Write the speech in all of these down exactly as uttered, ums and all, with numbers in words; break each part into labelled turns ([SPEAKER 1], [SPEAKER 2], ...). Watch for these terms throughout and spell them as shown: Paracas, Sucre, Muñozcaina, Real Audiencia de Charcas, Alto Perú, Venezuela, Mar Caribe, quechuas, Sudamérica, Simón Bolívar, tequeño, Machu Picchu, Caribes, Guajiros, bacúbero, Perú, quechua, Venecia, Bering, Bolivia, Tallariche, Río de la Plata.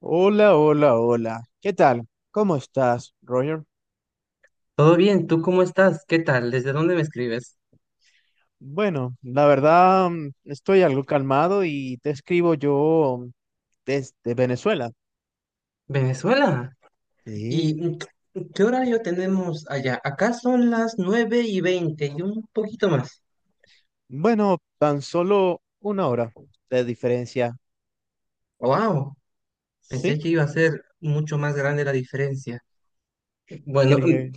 [SPEAKER 1] Hola, hola, hola. ¿Qué tal? ¿Cómo estás, Roger?
[SPEAKER 2] Todo bien, ¿tú cómo estás? ¿Qué tal? ¿Desde dónde me escribes?
[SPEAKER 1] Bueno, la verdad mm, estoy algo calmado y te escribo yo mm, desde Venezuela.
[SPEAKER 2] Venezuela. ¿Y
[SPEAKER 1] Sí.
[SPEAKER 2] mm, qué qué horario tenemos allá? Acá son las nueve y veinte y un poquito más.
[SPEAKER 1] Bueno, tan solo una hora de diferencia.
[SPEAKER 2] ¡Wow! Pensé
[SPEAKER 1] ¿Sí?
[SPEAKER 2] que iba a ser mucho más grande la diferencia. Bueno,
[SPEAKER 1] Creo.
[SPEAKER 2] mm,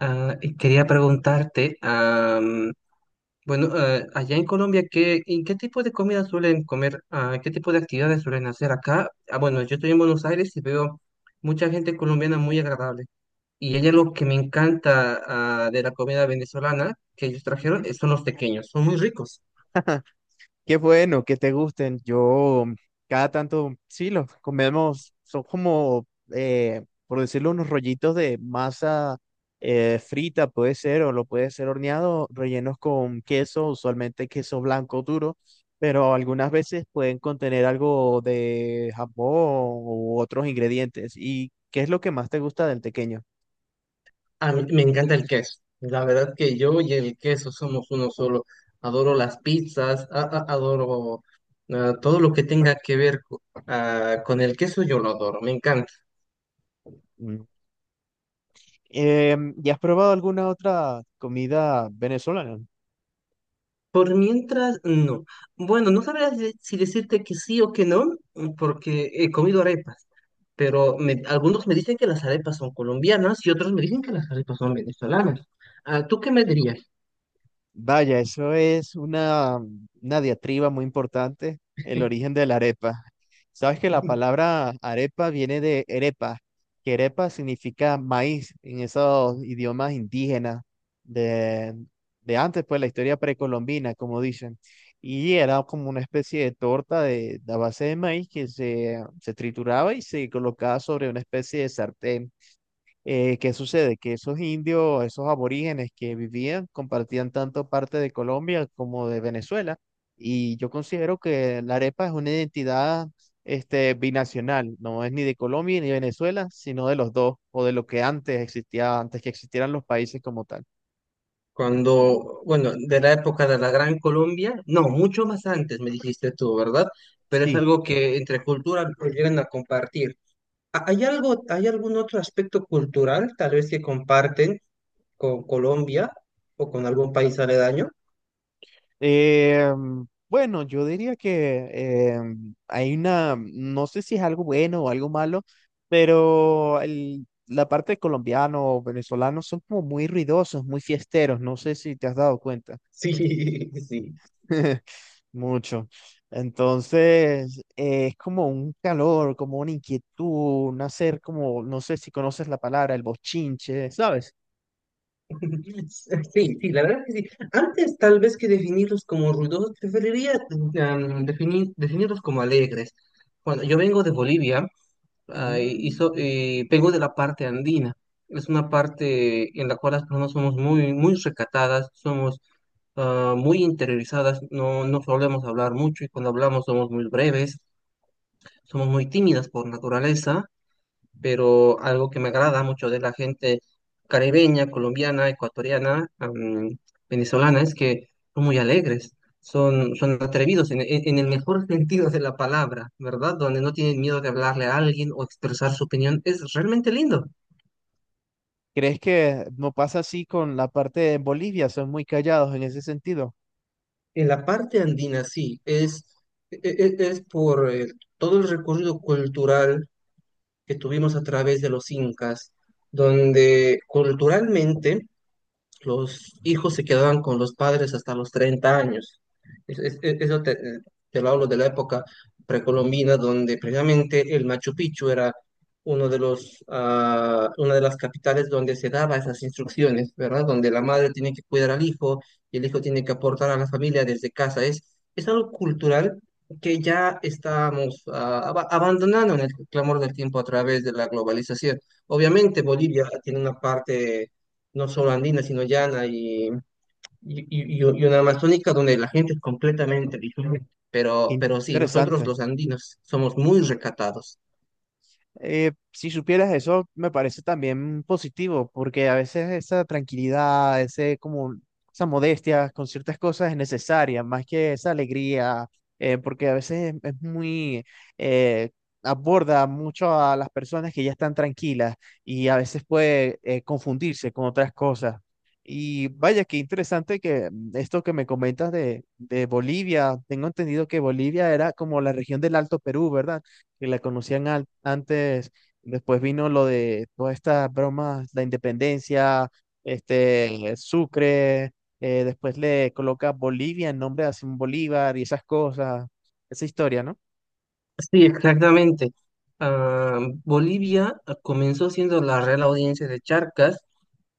[SPEAKER 2] ah, y quería preguntarte, am, bueno, ah, allá en Colombia, ¿qué, ¿en qué tipo de comida suelen comer? Ah, ¿qué tipo de actividades suelen hacer acá? Ah, bueno, yo estoy en Buenos Aires y veo mucha gente colombiana muy agradable. Y hay algo que me encanta, ah, de la comida venezolana que ellos trajeron, eh, son los tequeños, son muy ricos.
[SPEAKER 1] Qué bueno que te gusten. Yo cada tanto, sí, los comemos. Son como, eh, por decirlo, unos rollitos de masa eh, frita, puede ser, o lo puede ser horneado, rellenos con queso, usualmente queso blanco duro, pero algunas veces pueden contener algo de jamón u otros ingredientes. ¿Y qué es lo que más te gusta del tequeño?
[SPEAKER 2] A mí me encanta el queso. La verdad que yo y el queso somos uno solo. Adoro las pizzas, a- a- adoro, ah, todo lo que tenga que ver co- ah, con el queso, yo lo adoro, me encanta.
[SPEAKER 1] Mm. Em, ¿y has probado alguna otra comida venezolana?
[SPEAKER 2] Por mientras, no. Bueno, no sabría de- si decirte que sí o que no, porque he comido arepas. Pero me- algunos me dicen que las arepas son colombianas y otros me dicen que las arepas son venezolanas. Ah, ¿tú qué me dirías?
[SPEAKER 1] Vaya, eso es una, una diatriba muy importante, el origen de la arepa. Sabes que la palabra arepa viene de arepa, que arepa significa maíz en esos idiomas indígenas de, de antes, pues la historia precolombina, como dicen. Y era como una especie de torta de, de a base de maíz que se, se trituraba y se colocaba sobre una especie de sartén. Eh, ¿qué sucede? Que esos indios, esos aborígenes que vivían, compartían tanto parte de Colombia como de Venezuela. Y yo considero que la arepa es una identidad este, binacional, no es ni de Colombia ni de Venezuela, sino de los dos, o de lo que antes existía, antes que existieran los países como tal.
[SPEAKER 2] Cuando, bueno, de la época de la Gran Colombia, no, mucho más antes me dijiste tú, ¿verdad? Pero es
[SPEAKER 1] Sí.
[SPEAKER 2] algo que entre culturas llegan a compartir. ¿Ha- ¿Hay algo, hay algún otro aspecto cultural tal vez que comparten con Colombia o con algún país aledaño?
[SPEAKER 1] Eh, bueno, yo diría que eh, hay una, no sé si es algo bueno o algo malo, pero el- la parte de colombiano o venezolano son como muy ruidosos, muy fiesteros, no sé si te has dado cuenta.
[SPEAKER 2] Sí, sí.
[SPEAKER 1] Mucho. Entonces, eh, es como un calor, como una inquietud, un hacer como, no sé si conoces la palabra, el bochinche, ¿sabes?
[SPEAKER 2] Sí, sí, la verdad que sí. Antes tal vez que definirlos como ruidosos, preferiría, mm, definir, definirlos como alegres. Bueno, yo vengo de Bolivia, ah, y, y so-
[SPEAKER 1] Mm.
[SPEAKER 2] y vengo de la parte andina. Es una parte en la cual las personas somos muy, muy recatadas, somos, ah, muy interiorizadas, no, no solemos hablar mucho, y cuando hablamos somos muy breves, somos muy tímidas por naturaleza, pero algo que me agrada mucho de la gente caribeña, colombiana, ecuatoriana, am, venezolana, es que son muy alegres, son, son atrevidos en, en- en el mejor sentido de la palabra, ¿verdad? Donde no tienen miedo de hablarle a alguien o expresar su opinión, es realmente lindo.
[SPEAKER 1] ¿Crees que no pasa así con la parte de Bolivia? Son muy callados en ese sentido.
[SPEAKER 2] En la parte andina, sí, es, e- e- es, por, eh, todo el recorrido cultural que tuvimos a través de los incas, donde culturalmente los hijos se quedaban con los padres hasta los treinta años. Es- es- es- Eso te, te lo hablo de la época precolombina, donde precisamente el Machu Picchu era uno de los, ah, una de las capitales donde se daba esas instrucciones, ¿verdad? Donde la madre tiene que cuidar al hijo y el hijo tiene que aportar a la familia desde casa. Es, es algo cultural que ya estamos, ah, aba- abandonando en el clamor del tiempo a través de la globalización. Obviamente Bolivia tiene una parte no solo andina, sino llana y, y, y- y una amazónica donde la gente es completamente diferente.
[SPEAKER 1] Qué
[SPEAKER 2] Pero, pero sí, nosotros
[SPEAKER 1] interesante.
[SPEAKER 2] los andinos somos muy recatados.
[SPEAKER 1] Eh, si supieras eso, me parece también positivo, porque a veces esa tranquilidad, ese como esa modestia con ciertas cosas es necesaria, más que esa alegría, eh, porque a veces es muy eh, aborda mucho a las personas que ya están tranquilas y a veces puede eh, confundirse con otras cosas. Y vaya, qué interesante que mm, esto que me comentas de, de Bolivia, tengo entendido que Bolivia era como la región del Alto Perú, ¿verdad? Que la conocían al- antes, después vino lo de todas estas bromas, la independencia, este, Sucre, eh, después le coloca Bolivia en nombre de Simón Bolívar y esas cosas, esa historia, ¿no?
[SPEAKER 2] Sí, exactamente. Ah, Bolivia, ah, comenzó siendo la Real Audiencia de Charcas,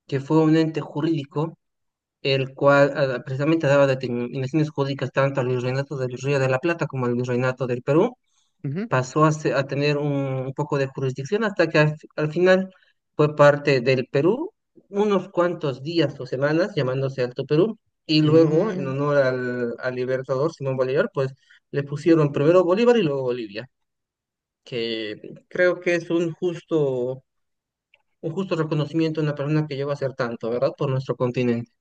[SPEAKER 2] que fue un ente jurídico, el cual, ah, precisamente daba determinaciones jurídicas tanto al virreinato del Río de la Plata como al virreinato del Perú. Pasó a, se- a tener un, un poco de jurisdicción hasta que al, al final fue parte del Perú, unos cuantos días o semanas llamándose Alto Perú, y luego en
[SPEAKER 1] Ujú.
[SPEAKER 2] honor al, al libertador Simón Bolívar, pues le pusieron primero Bolívar y luego Bolivia, que creo que es un justo, un justo reconocimiento a una persona que lleva a hacer tanto, ¿verdad? Por nuestro continente.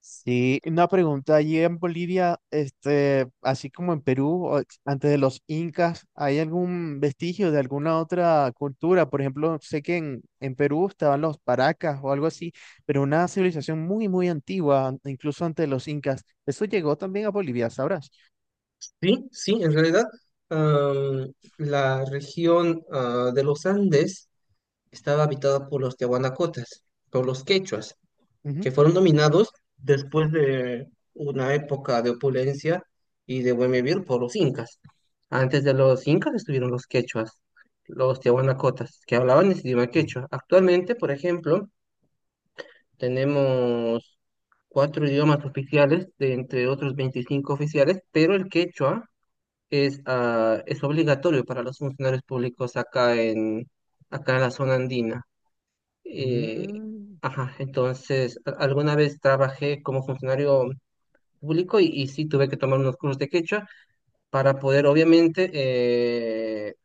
[SPEAKER 1] Sí, una pregunta, allí en Bolivia, este, así como en Perú, o ex- antes de los incas, ¿hay algún vestigio de alguna otra cultura? Por ejemplo, sé que en, en Perú estaban los paracas o algo así, pero una civilización muy, muy antigua, an- incluso antes de los incas. Eso llegó también a Bolivia, ¿sabrás?
[SPEAKER 2] Sí, sí, en realidad, am, la región, ah, de los Andes estaba habitada por los tehuanacotas, por los quechuas,
[SPEAKER 1] Ujú.
[SPEAKER 2] que fueron dominados después de una época de opulencia y de buen vivir por los incas. Antes de los incas estuvieron los quechuas, los tehuanacotas, que hablaban ese idioma quechua. Actualmente, por ejemplo, tenemos cuatro idiomas oficiales, de entre otros veinticinco oficiales, pero el quechua es, ah, es obligatorio para los funcionarios públicos acá en, acá en la zona andina. Eh,
[SPEAKER 1] Mm,
[SPEAKER 2] ajá, entonces, a- alguna vez trabajé como funcionario público y, y sí tuve que tomar unos cursos de quechua para poder, obviamente, eh,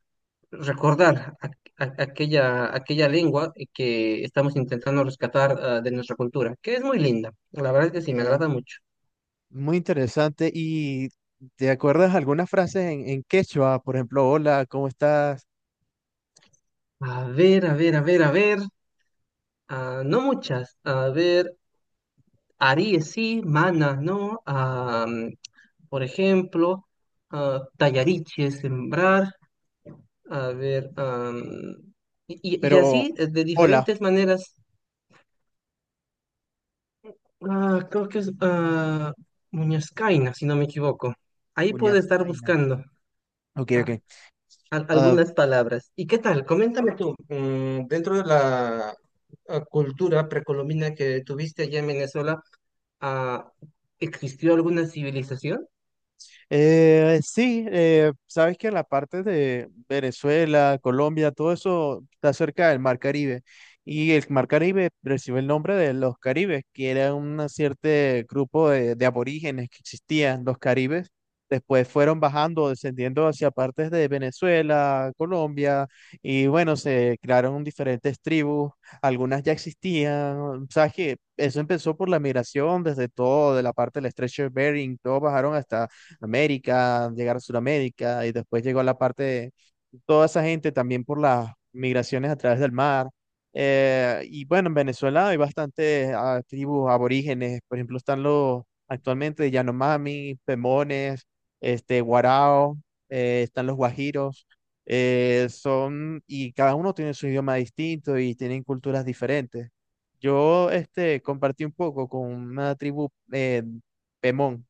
[SPEAKER 2] recordar a- a- aquella, aquella lengua que estamos intentando rescatar, ah, de nuestra cultura, que es muy linda. La verdad es que sí, me
[SPEAKER 1] eh,
[SPEAKER 2] agrada mucho.
[SPEAKER 1] muy interesante. ¿Y te acuerdas algunas frases en, en quechua? Por ejemplo, hola, ¿cómo estás?
[SPEAKER 2] A ver, a ver, a ver, a ver. Ah, no muchas. A ver, Aries sí, Mana no. Ah, por ejemplo, ah, Tallariche, sembrar. A ver, am, y, y- y
[SPEAKER 1] Pero,
[SPEAKER 2] así, eh, de
[SPEAKER 1] hola,
[SPEAKER 2] diferentes maneras. Ah, creo que es, ah, Muñozcaina, si no me equivoco. Ahí puedo estar
[SPEAKER 1] uñascaina.
[SPEAKER 2] buscando,
[SPEAKER 1] Ok,
[SPEAKER 2] ah,
[SPEAKER 1] ok.
[SPEAKER 2] al-
[SPEAKER 1] Ah,
[SPEAKER 2] algunas palabras. ¿Y qué tal? Coméntame tú, mm, dentro de la, ah, cultura precolombina que tuviste allá en Venezuela, ah, ¿existió alguna civilización?
[SPEAKER 1] Eh, sí, eh, sabes que la parte de Venezuela, Colombia, todo eso está cerca del Mar Caribe. Y el Mar Caribe recibe el nombre de los Caribes, que era un cierto grupo de, de aborígenes que existían, los Caribes. Después fueron bajando, descendiendo hacia partes de Venezuela, Colombia, y bueno, se crearon diferentes tribus, algunas ya existían. Sabes que eso empezó por la migración desde todo, de la parte del estrecho de Bering, todos bajaron hasta América, llegar a Sudamérica y después llegó a la parte de toda esa gente también por las migraciones a través del mar. Eh, y bueno, en Venezuela hay bastantes ah, tribus aborígenes, por ejemplo, están los actualmente Yanomami, Pemones, este, Guarao, eh, están los Guajiros, eh, son, y cada uno tiene su idioma distinto y tienen culturas diferentes. Yo este, compartí un poco con una tribu eh, Pemón,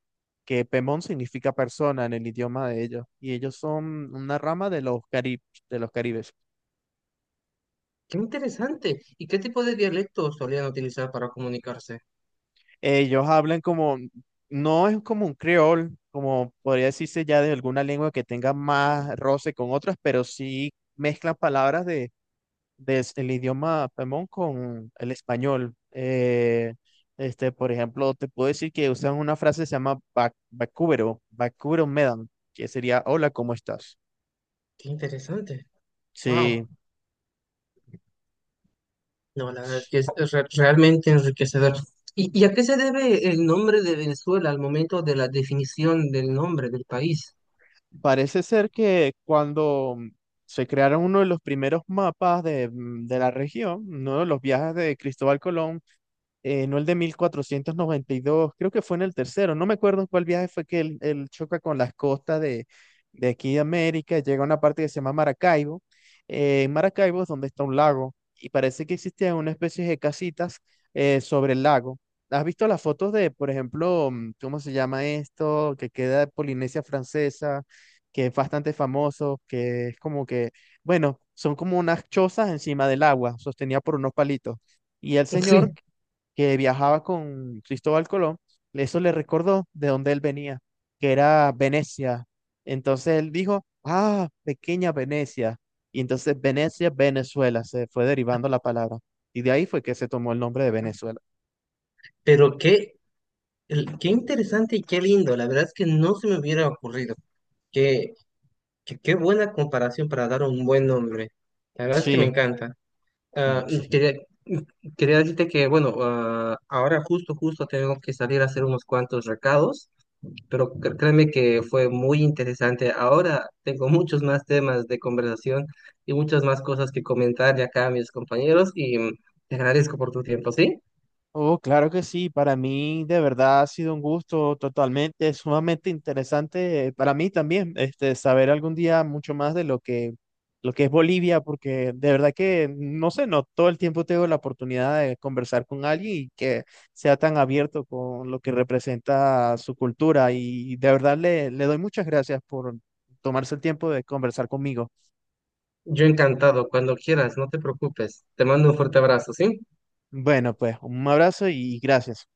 [SPEAKER 1] que Pemón significa persona en el idioma de ellos, y ellos son una rama de los caribes, de los caribes.
[SPEAKER 2] Qué interesante. ¿Y qué tipo de dialectos solían utilizar para comunicarse?
[SPEAKER 1] Ellos hablan como, no es como un creol, como podría decirse ya de alguna lengua que tenga más roce con otras, pero sí mezclan palabras de, de el idioma Pemón con el español. Eh, este, por ejemplo, te puedo decir que usan una frase que se llama bac- bacúbero, bacúbero medan, que sería hola, ¿cómo estás?
[SPEAKER 2] Qué interesante. Wow.
[SPEAKER 1] Sí.
[SPEAKER 2] No, la verdad es que es, es re- realmente enriquecedor. ¿Y, y a qué se debe el nombre de Venezuela al momento de la definición del nombre del país?
[SPEAKER 1] Parece ser que cuando mm, se crearon uno de los primeros mapas de, mm, de la región, uno de los viajes de Cristóbal Colón, eh, no el de mil cuatrocientos noventa y dos creo que fue en el tercero, no me acuerdo en cuál viaje fue que él, él choca con las costas de, de aquí de América, llega a una parte que se llama Maracaibo, eh, en Maracaibo es donde está un lago y parece que existían una especie de casitas eh, sobre el lago. ¿Has visto las fotos de, por ejemplo, mm, cómo se llama esto, que queda en Polinesia Francesa, que es bastante famoso, que es como que, bueno, son como unas chozas encima del agua, sostenida por unos palitos. Y el señor
[SPEAKER 2] Sí.
[SPEAKER 1] que viajaba con Cristóbal Colón, eso le recordó de dónde él venía, que era Venecia. Entonces él dijo, ah, pequeña Venecia. Y entonces Venecia, Venezuela, se fue derivando la palabra. Y de ahí fue que se tomó el nombre de Venezuela.
[SPEAKER 2] Pero qué, el- qué interesante y qué lindo. La verdad es que no se me hubiera ocurrido. Qué, qué, qué buena comparación para dar un buen nombre. La verdad es que me
[SPEAKER 1] Sí,
[SPEAKER 2] encanta. Ah,
[SPEAKER 1] sí.
[SPEAKER 2] quería, quería decirte que, bueno, ah, ahora justo, justo tengo que salir a hacer unos cuantos recados, pero cr- créeme que fue muy interesante. Ahora tengo muchos más temas de conversación y muchas más cosas que comentar de acá a mis compañeros, y mm, te agradezco por tu tiempo, ¿sí?
[SPEAKER 1] Oh, claro que sí, para mí de verdad ha sido un gusto totalmente, sumamente interesante eh, para mí también, este, saber algún día mucho más de lo que, lo que es Bolivia, porque de verdad que, no sé, no todo el tiempo tengo la oportunidad de conversar con alguien y que sea tan abierto con lo que representa su cultura y de verdad le, le doy muchas gracias por tomarse el tiempo de conversar conmigo.
[SPEAKER 2] Yo encantado, cuando quieras, no te preocupes. Te mando un fuerte abrazo, ¿sí?
[SPEAKER 1] Bueno, pues un abrazo y gracias.